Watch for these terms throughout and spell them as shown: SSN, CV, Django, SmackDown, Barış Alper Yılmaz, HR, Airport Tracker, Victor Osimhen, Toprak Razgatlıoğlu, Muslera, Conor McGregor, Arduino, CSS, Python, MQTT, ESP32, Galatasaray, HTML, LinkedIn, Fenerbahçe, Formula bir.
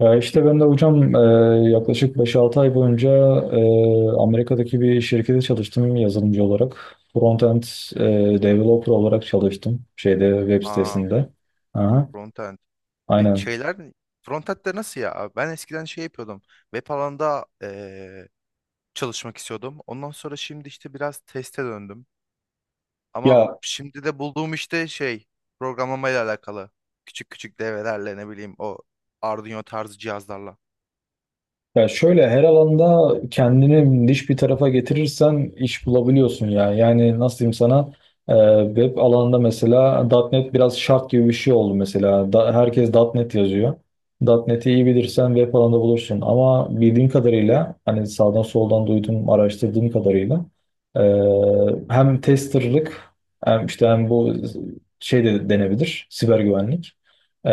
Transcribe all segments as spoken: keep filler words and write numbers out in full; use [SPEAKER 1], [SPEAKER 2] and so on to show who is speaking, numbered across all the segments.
[SPEAKER 1] Ya işte ben de hocam e, yaklaşık beş-altı ay boyunca e, Amerika'daki bir şirkete çalıştım yazılımcı olarak. Frontend e, developer olarak çalıştım şeyde web
[SPEAKER 2] Aa,
[SPEAKER 1] sitesinde. Aha,
[SPEAKER 2] frontend. Ve
[SPEAKER 1] aynen.
[SPEAKER 2] şeyler frontend'de nasıl ya? Ben eskiden şey yapıyordum. Web alanda eee, çalışmak istiyordum. Ondan sonra şimdi işte biraz teste döndüm. Ama
[SPEAKER 1] Ya
[SPEAKER 2] şimdi de bulduğum işte şey programlamayla alakalı. Küçük küçük devrelerle ne bileyim o Arduino tarzı cihazlarla.
[SPEAKER 1] Ya şöyle her alanda kendini niş bir tarafa getirirsen iş bulabiliyorsun ya. Yani nasıl diyeyim sana e, web alanında mesela .nokta .NET biraz şart gibi bir şey oldu mesela. Da, herkes .nokta .NET yazıyor. .nokta .NET'i iyi bilirsen web alanında bulursun. Ama bildiğim kadarıyla hani sağdan soldan duydum araştırdığım kadarıyla e, hem testerlık hem işte hem bu şey de denebilir siber güvenlik. Ee,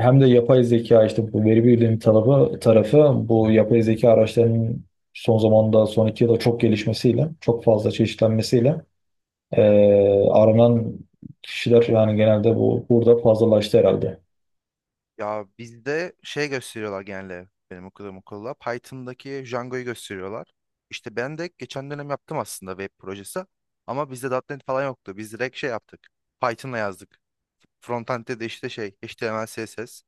[SPEAKER 1] hem de yapay zeka işte bu veri bilimi tarafı, tarafı bu yapay zeka araçlarının son zamanda son iki yılda çok gelişmesiyle çok fazla çeşitlenmesiyle ee, aranan kişiler yani genelde bu burada fazlalaştı herhalde.
[SPEAKER 2] Ya bizde şey gösteriyorlar genelde benim okuduğum okulda. Python'daki Django'yu gösteriyorlar. İşte ben de geçen dönem yaptım aslında web projesi. Ama bizde .nokta .N E T falan yoktu. Biz direkt şey yaptık. Python'la yazdık. Frontend'de de işte şey H T M L, C S S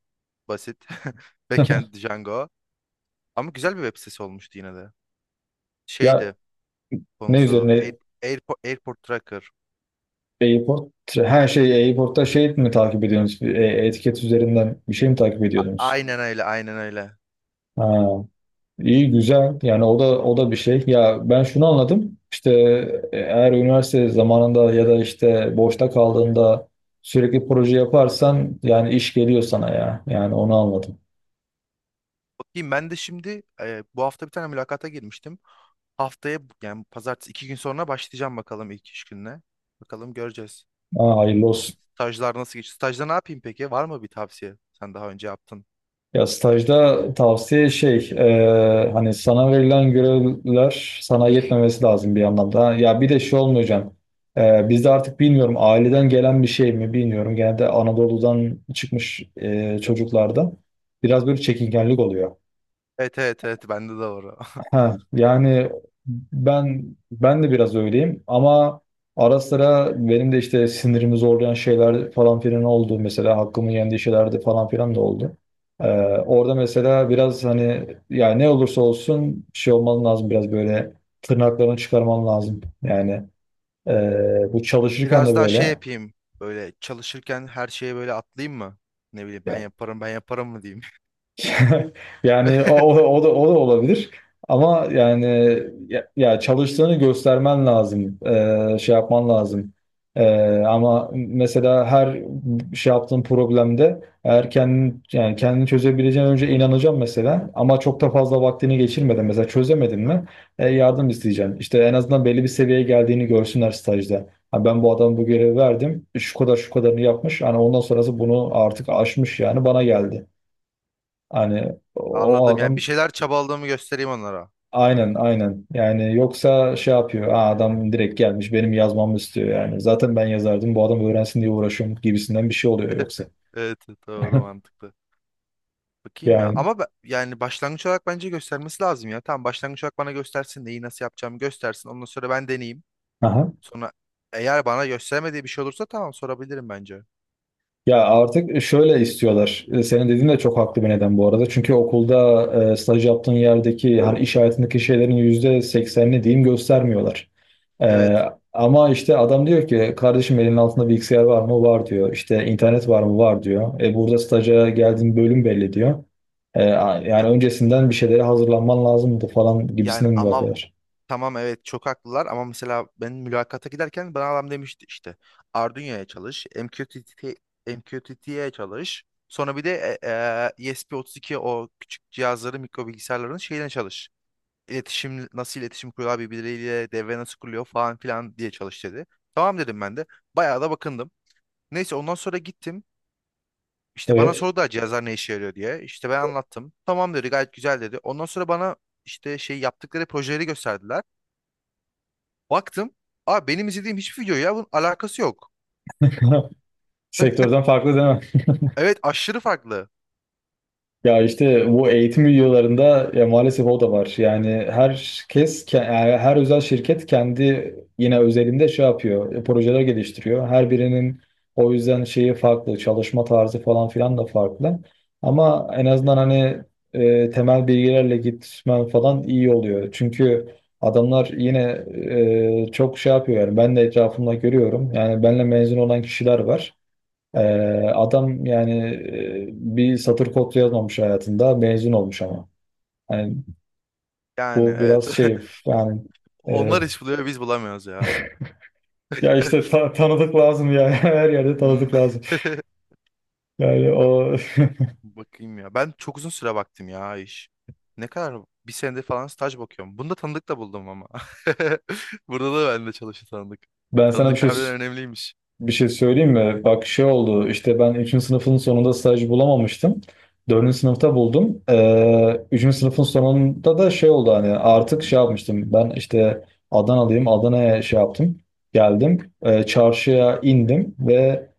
[SPEAKER 2] basit. Backend Django. Ama güzel bir web sitesi olmuştu yine de.
[SPEAKER 1] Ya
[SPEAKER 2] Şeydi
[SPEAKER 1] ne
[SPEAKER 2] konusu
[SPEAKER 1] üzerine
[SPEAKER 2] Air, Airpo- Airport Tracker.
[SPEAKER 1] e-sport? Her şey e-sportta şey mi takip ediyorsunuz? E- Etiket üzerinden bir şey mi takip
[SPEAKER 2] A-
[SPEAKER 1] ediyordunuz?
[SPEAKER 2] Aynen öyle, aynen öyle.
[SPEAKER 1] Ha. İyi güzel yani o da o da bir şey ya ben şunu anladım işte e, eğer üniversite zamanında ya da işte boşta kaldığında sürekli proje yaparsan yani iş geliyor sana ya yani onu anladım.
[SPEAKER 2] Ki ben de şimdi e, bu hafta bir tane mülakata girmiştim. Haftaya yani pazartesi iki gün sonra başlayacağım, bakalım ilk iş gününe. Bakalım göreceğiz.
[SPEAKER 1] Aa, hayırlı olsun
[SPEAKER 2] Stajlar nasıl geçiyor? Stajda ne yapayım peki? Var mı bir tavsiye? Sen daha önce yaptın.
[SPEAKER 1] ya stajda tavsiye şey e, hani sana verilen görevler sana yetmemesi lazım bir anlamda ya bir de şey olmayacağım e, bizde artık bilmiyorum aileden gelen bir şey mi bilmiyorum genelde Anadolu'dan çıkmış e, çocuklarda biraz böyle çekingenlik oluyor.
[SPEAKER 2] Evet evet evet, bende de var. o.
[SPEAKER 1] Ha, yani ben ben de biraz öyleyim ama ara sıra benim de işte sinirimi zorlayan şeyler falan filan oldu. Mesela hakkımı yendiği şeyler de falan filan da oldu. Ee, orada mesela biraz hani yani ne olursa olsun bir şey olman lazım biraz böyle tırnaklarını çıkarman lazım. Yani e, bu çalışırken
[SPEAKER 2] Biraz
[SPEAKER 1] de
[SPEAKER 2] daha şey
[SPEAKER 1] böyle.
[SPEAKER 2] yapayım. Böyle çalışırken her şeye böyle atlayayım mı? Ne bileyim, ben yaparım ben yaparım mı diyeyim.
[SPEAKER 1] Yani o, o, o da o da olabilir. Ama yani ya, ya çalıştığını göstermen lazım. Ee, şey yapman lazım. Ee, ama mesela her şey yaptığın problemde eğer kendin yani kendini çözebileceğin önce inanacağım mesela ama çok da fazla vaktini geçirmeden mesela çözemedin mi e, yardım isteyeceksin. İşte en azından belli bir seviyeye geldiğini görsünler stajda. Ha, ben bu adamı bu görevi verdim. Şu kadar şu kadarını yapmış. Yani ondan sonrası bunu artık aşmış yani bana geldi. Hani o
[SPEAKER 2] Anladım, yani bir
[SPEAKER 1] adam
[SPEAKER 2] şeyler çabaladığımı göstereyim onlara.
[SPEAKER 1] aynen aynen yani yoksa şey yapıyor, "Aa, adam direkt gelmiş benim yazmamı istiyor yani zaten ben yazardım, bu adam öğrensin diye uğraşıyorum" gibisinden bir şey oluyor yoksa.
[SPEAKER 2] Evet evet. doğru mantıklı. Bakayım ya.
[SPEAKER 1] Yani.
[SPEAKER 2] Ama be- yani başlangıç olarak bence göstermesi lazım ya. Tamam, başlangıç olarak bana göstersin, neyi nasıl yapacağımı göstersin. Ondan sonra ben deneyeyim. Sonra eğer bana göstermediği bir şey olursa, tamam, sorabilirim bence.
[SPEAKER 1] Ya artık şöyle istiyorlar. E, Senin dediğin de çok haklı bir neden bu arada. Çünkü okulda e, staj yaptığın yerdeki hani iş hayatındaki şeylerin yüzde seksenini diyeyim göstermiyorlar. E,
[SPEAKER 2] Evet.
[SPEAKER 1] ama işte adam diyor ki, kardeşim elinin altında bilgisayar var mı? Var diyor. İşte internet var mı? Var diyor. E, burada staja geldiğin bölüm belli diyor. E, a-
[SPEAKER 2] Ya,
[SPEAKER 1] yani öncesinden bir şeylere hazırlanman lazımdı falan
[SPEAKER 2] yani
[SPEAKER 1] gibisinden mi
[SPEAKER 2] ama
[SPEAKER 1] bakıyorlar?
[SPEAKER 2] tamam evet, çok haklılar, ama mesela ben mülakata giderken bana adam demişti işte Arduino'ya çalış, M Q T T, M Q T T'ye çalış. Sonra bir de e, e, ESP32, o küçük cihazların, mikro bilgisayarların şeyine çalış. İletişim nasıl, iletişim kuruyorlar birbirleriyle, devre nasıl kuruluyor falan filan diye çalış dedi. Tamam dedim ben de. Bayağı da bakındım. Neyse ondan sonra gittim. İşte bana
[SPEAKER 1] Evet.
[SPEAKER 2] sordular cihazlar ne işe yarıyor diye. İşte ben anlattım. Tamam dedi, gayet güzel dedi. Ondan sonra bana işte şey, yaptıkları projeleri gösterdiler. Baktım. Aa, benim izlediğim hiçbir video ya bunun alakası yok.
[SPEAKER 1] Sektörden farklı değil mi?
[SPEAKER 2] Evet, aşırı farklı.
[SPEAKER 1] Ya işte bu eğitim videolarında ya maalesef o da var. Yani herkes, ke- yani her özel şirket kendi yine özelinde şey yapıyor, e, projeler geliştiriyor. Her birinin o yüzden şeyi farklı, çalışma tarzı falan filan da farklı. Ama en azından hani e, temel bilgilerle gitmen falan iyi oluyor. Çünkü adamlar yine e, çok şey yapıyor yani ben de etrafımda görüyorum. Yani benle mezun olan kişiler var. Ee, adam yani e, bir satır kod yazmamış hayatında mezun olmuş ama. Yani
[SPEAKER 2] Yani
[SPEAKER 1] bu
[SPEAKER 2] evet.
[SPEAKER 1] biraz şey yani e,
[SPEAKER 2] Onlar iş buluyor, biz bulamıyoruz ya.
[SPEAKER 1] ya işte ta- tanıdık lazım ya, her yerde
[SPEAKER 2] Hmm.
[SPEAKER 1] tanıdık lazım. Yani o.
[SPEAKER 2] Bakayım ya. Ben çok uzun süre baktım ya iş. Ne kadar? Bir senedir falan staj bakıyorum. Bunda tanıdık da buldum ama. Burada da bende çalışan tanıdık.
[SPEAKER 1] ben sana bir
[SPEAKER 2] Tanıdık
[SPEAKER 1] şey
[SPEAKER 2] harbiden önemliymiş.
[SPEAKER 1] Bir şey söyleyeyim mi? Bak şey oldu. İşte ben üçüncü sınıfın sonunda staj bulamamıştım. Dördüncü sınıfta buldum. Ee, üçüncü sınıfın sonunda da şey oldu hani artık şey yapmıştım. Ben işte Adanalıyım. Adana'ya şey yaptım. Geldim. Ee, çarşıya indim ve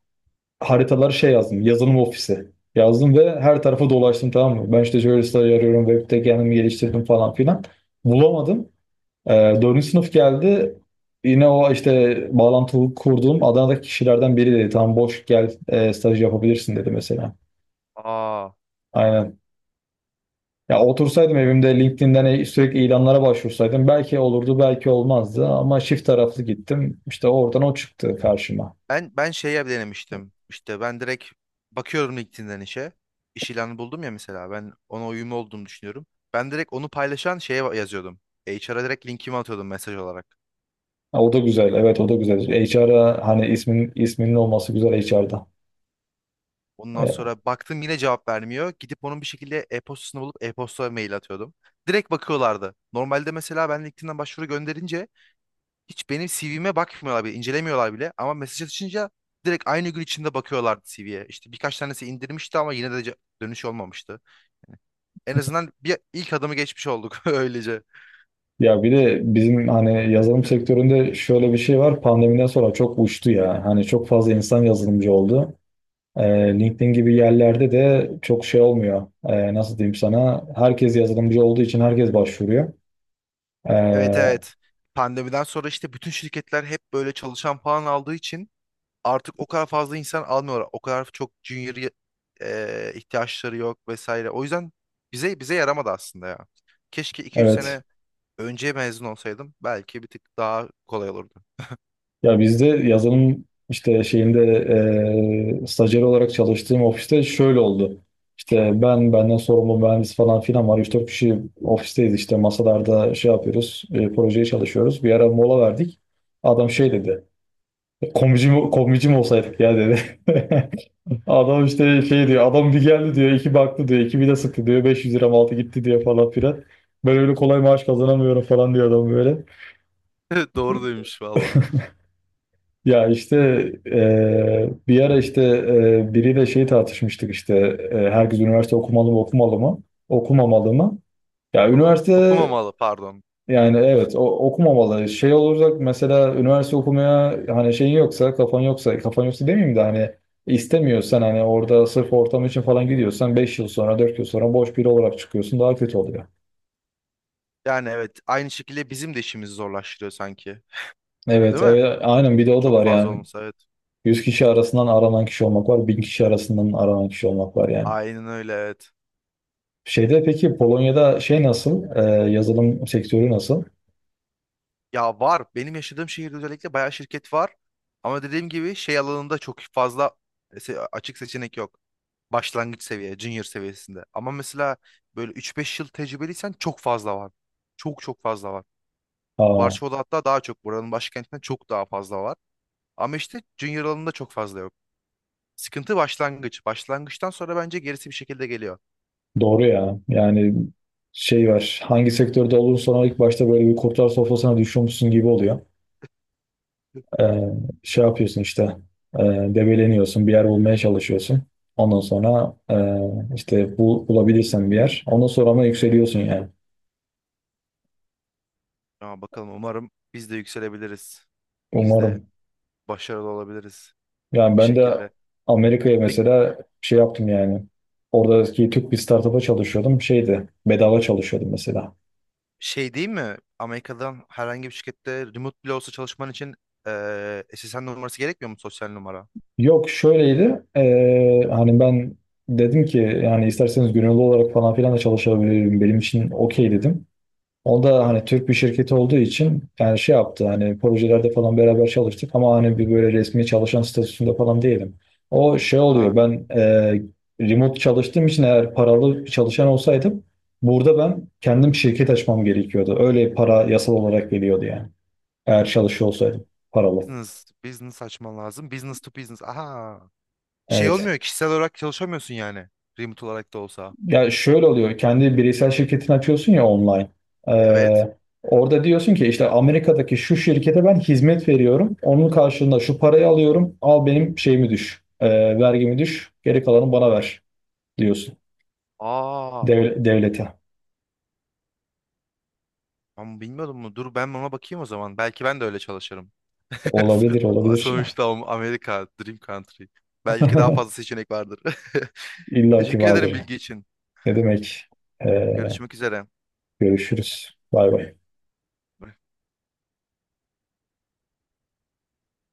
[SPEAKER 1] haritaları şey yazdım. Yazılım ofisi. Yazdım ve her tarafa dolaştım, tamam mı? Ben işte şöyle staj arıyorum. Web'de kendimi geliştirdim falan filan. Bulamadım. Ee, dördüncü sınıf geldi. Yine o işte bağlantı kurduğum Adana'daki kişilerden biri dedi. Tamam, boş gel e, staj yapabilirsin dedi mesela.
[SPEAKER 2] Aa,
[SPEAKER 1] Aynen. Ya otursaydım evimde LinkedIn'den e- sürekli ilanlara başvursaydım belki olurdu belki olmazdı ama çift taraflı gittim. İşte oradan o çıktı karşıma.
[SPEAKER 2] ben ben şeye denemiştim. İşte ben direkt bakıyorum LinkedIn'den işe. İş ilanı buldum ya mesela. Ben ona uyumlu olduğumu düşünüyorum. Ben direkt onu paylaşan şeye yazıyordum. H R'a direkt linkimi atıyordum mesaj olarak.
[SPEAKER 1] Ha, o da güzel. Evet, o da güzel. H R'a hani ismin isminin olması güzel H R'da.
[SPEAKER 2] Ondan
[SPEAKER 1] E,
[SPEAKER 2] sonra baktım yine cevap vermiyor. Gidip onun bir şekilde e-postasını bulup e-posta mail atıyordum. Direkt bakıyorlardı. Normalde mesela ben LinkedIn'den başvuru gönderince hiç benim C V'me bakmıyorlar bile, incelemiyorlar bile. Ama mesaj atışınca direkt aynı gün içinde bakıyorlardı C V'ye. İşte birkaç tanesi indirmişti ama yine de ce- dönüş olmamıştı. En azından bir ilk adımı geçmiş olduk öylece.
[SPEAKER 1] Ya bir de bizim hani yazılım sektöründe şöyle bir şey var. Pandemiden sonra çok uçtu ya. Hani çok fazla insan yazılımcı oldu. Ee, LinkedIn gibi yerlerde de çok şey olmuyor. Ee, nasıl diyeyim sana? Herkes yazılımcı olduğu için herkes başvuruyor. Ee,
[SPEAKER 2] Evet evet. Pandemiden sonra işte bütün şirketler hep böyle çalışan falan aldığı için, artık o kadar fazla insan almıyorlar. O kadar çok junior ye- e, ihtiyaçları yok vesaire. O yüzden bize bize yaramadı aslında ya. Keşke iki üç
[SPEAKER 1] evet.
[SPEAKER 2] sene önce mezun olsaydım belki bir tık daha kolay olurdu.
[SPEAKER 1] Ya bizde yazılım işte şeyinde eee stajyer olarak çalıştığım ofiste şöyle oldu. İşte ben, benden sorumlu mühendis falan filan var. üç dört kişi ofisteyiz işte masalarda şey yapıyoruz, e, projeye çalışıyoruz. Bir ara mola verdik. Adam şey dedi, komici mi, komici mi olsaydık ya dedi. Adam işte şey diyor, adam bir geldi diyor, iki baktı diyor, iki bir de sıktı diyor, Beş yüz lira altı gitti diyor falan filan. Ben öyle kolay maaş kazanamıyorum falan diyor adam böyle.
[SPEAKER 2] Doğru demiş valla.
[SPEAKER 1] Ya işte eee, bir ara işte eee, biriyle şey tartışmıştık işte eee, herkes üniversite okumalı mı okumalı mı okumamalı mı? Ya
[SPEAKER 2] Valla.
[SPEAKER 1] üniversite
[SPEAKER 2] Okumamalı, pardon.
[SPEAKER 1] yani evet o, okumamalı. Şey olacak mesela üniversite okumaya hani şeyin yoksa kafan yoksa kafan yoksa demeyeyim de hani istemiyorsan hani orada sırf ortam için falan gidiyorsan beş yıl sonra dört yıl sonra boş biri olarak çıkıyorsun daha kötü oluyor.
[SPEAKER 2] Yani evet, aynı şekilde bizim de işimizi zorlaştırıyor sanki.
[SPEAKER 1] Evet,
[SPEAKER 2] Değil mi?
[SPEAKER 1] evet, aynen, bir de o da
[SPEAKER 2] Çok
[SPEAKER 1] var
[SPEAKER 2] fazla
[SPEAKER 1] yani.
[SPEAKER 2] olmasa evet.
[SPEAKER 1] Yüz kişi arasından aranan kişi olmak var, bin kişi arasından aranan kişi olmak var yani.
[SPEAKER 2] Aynen öyle, evet.
[SPEAKER 1] Şeyde peki Polonya'da şey nasıl? Ee, yazılım sektörü nasıl?
[SPEAKER 2] Ya var. Benim yaşadığım şehirde özellikle bayağı şirket var. Ama dediğim gibi şey alanında çok fazla e, se- açık seçenek yok. Başlangıç seviye, junior seviyesinde. Ama mesela böyle üç beş yıl tecrübeliysen çok fazla var. Çok çok fazla var.
[SPEAKER 1] Aa,
[SPEAKER 2] Varşova'da hatta daha çok. Buranın başkentinden çok daha fazla var. Ama işte junior alanında çok fazla yok. Sıkıntı başlangıç. Başlangıçtan sonra bence gerisi bir şekilde geliyor.
[SPEAKER 1] doğru ya. Yani şey var. Hangi sektörde olursan sonra ilk başta böyle bir kurtlar sofrasına düşüyormuşsun gibi oluyor. Ee, şey yapıyorsun işte. E, debeleniyorsun. Bir yer bulmaya çalışıyorsun. Ondan sonra e, işte bu, bulabilirsen bir yer. Ondan sonra ama yükseliyorsun yani.
[SPEAKER 2] Ya bakalım, umarım biz de yükselebiliriz. Biz de
[SPEAKER 1] Umarım.
[SPEAKER 2] başarılı olabiliriz
[SPEAKER 1] Yani
[SPEAKER 2] bir
[SPEAKER 1] ben de
[SPEAKER 2] şekilde.
[SPEAKER 1] Amerika'ya
[SPEAKER 2] Peki
[SPEAKER 1] mesela şey yaptım yani. Oradaki Türk bir startup'a çalışıyordum. Şeydi. Bedava çalışıyordum mesela.
[SPEAKER 2] Şey değil mi? Amerika'dan herhangi bir şirkette remote bile olsa çalışman için eee S S N numarası gerekmiyor mu, sosyal numara?
[SPEAKER 1] Yok, şöyleydi. Eee, hani ben dedim ki yani isterseniz gönüllü olarak falan filan da çalışabilirim. Benim için okey dedim. O da
[SPEAKER 2] Ha?
[SPEAKER 1] hani Türk bir şirketi olduğu için yani şey yaptı, hani projelerde falan beraber çalıştık ama hani bir böyle resmi çalışan statüsünde falan değilim. O şey
[SPEAKER 2] Aa,
[SPEAKER 1] oluyor, ben eee, remote çalıştığım için eğer paralı bir çalışan olsaydım burada ben kendim şirket açmam gerekiyordu. Öyle para yasal olarak geliyordu yani. Eğer çalışıyor olsaydım paralı.
[SPEAKER 2] business, business açman lazım. Business to business. Aha. Şey
[SPEAKER 1] Evet.
[SPEAKER 2] olmuyor, kişisel olarak çalışamıyorsun yani. Remote olarak da olsa.
[SPEAKER 1] Ya şöyle oluyor. Kendi bireysel şirketini açıyorsun ya online.
[SPEAKER 2] Evet.
[SPEAKER 1] Ee, orada diyorsun ki işte Amerika'daki şu şirkete ben hizmet veriyorum. Onun karşılığında şu parayı alıyorum. Al benim şeyimi düş. Ee, vergimi düş. Geri kalanı bana ver diyorsun.
[SPEAKER 2] Aa,
[SPEAKER 1] Dev- devlete.
[SPEAKER 2] ben bilmiyordum bunu. Dur ben buna bakayım o zaman. Belki ben de öyle çalışırım.
[SPEAKER 1] Olabilir, olabilir.
[SPEAKER 2] Sonuçta Am- Amerika, Dream Country. Belki daha fazla seçenek vardır.
[SPEAKER 1] İlla ki
[SPEAKER 2] Teşekkür ederim
[SPEAKER 1] vardır.
[SPEAKER 2] bilgi için.
[SPEAKER 1] Ne demek? Ee,
[SPEAKER 2] Görüşmek üzere.
[SPEAKER 1] görüşürüz. Bay bay.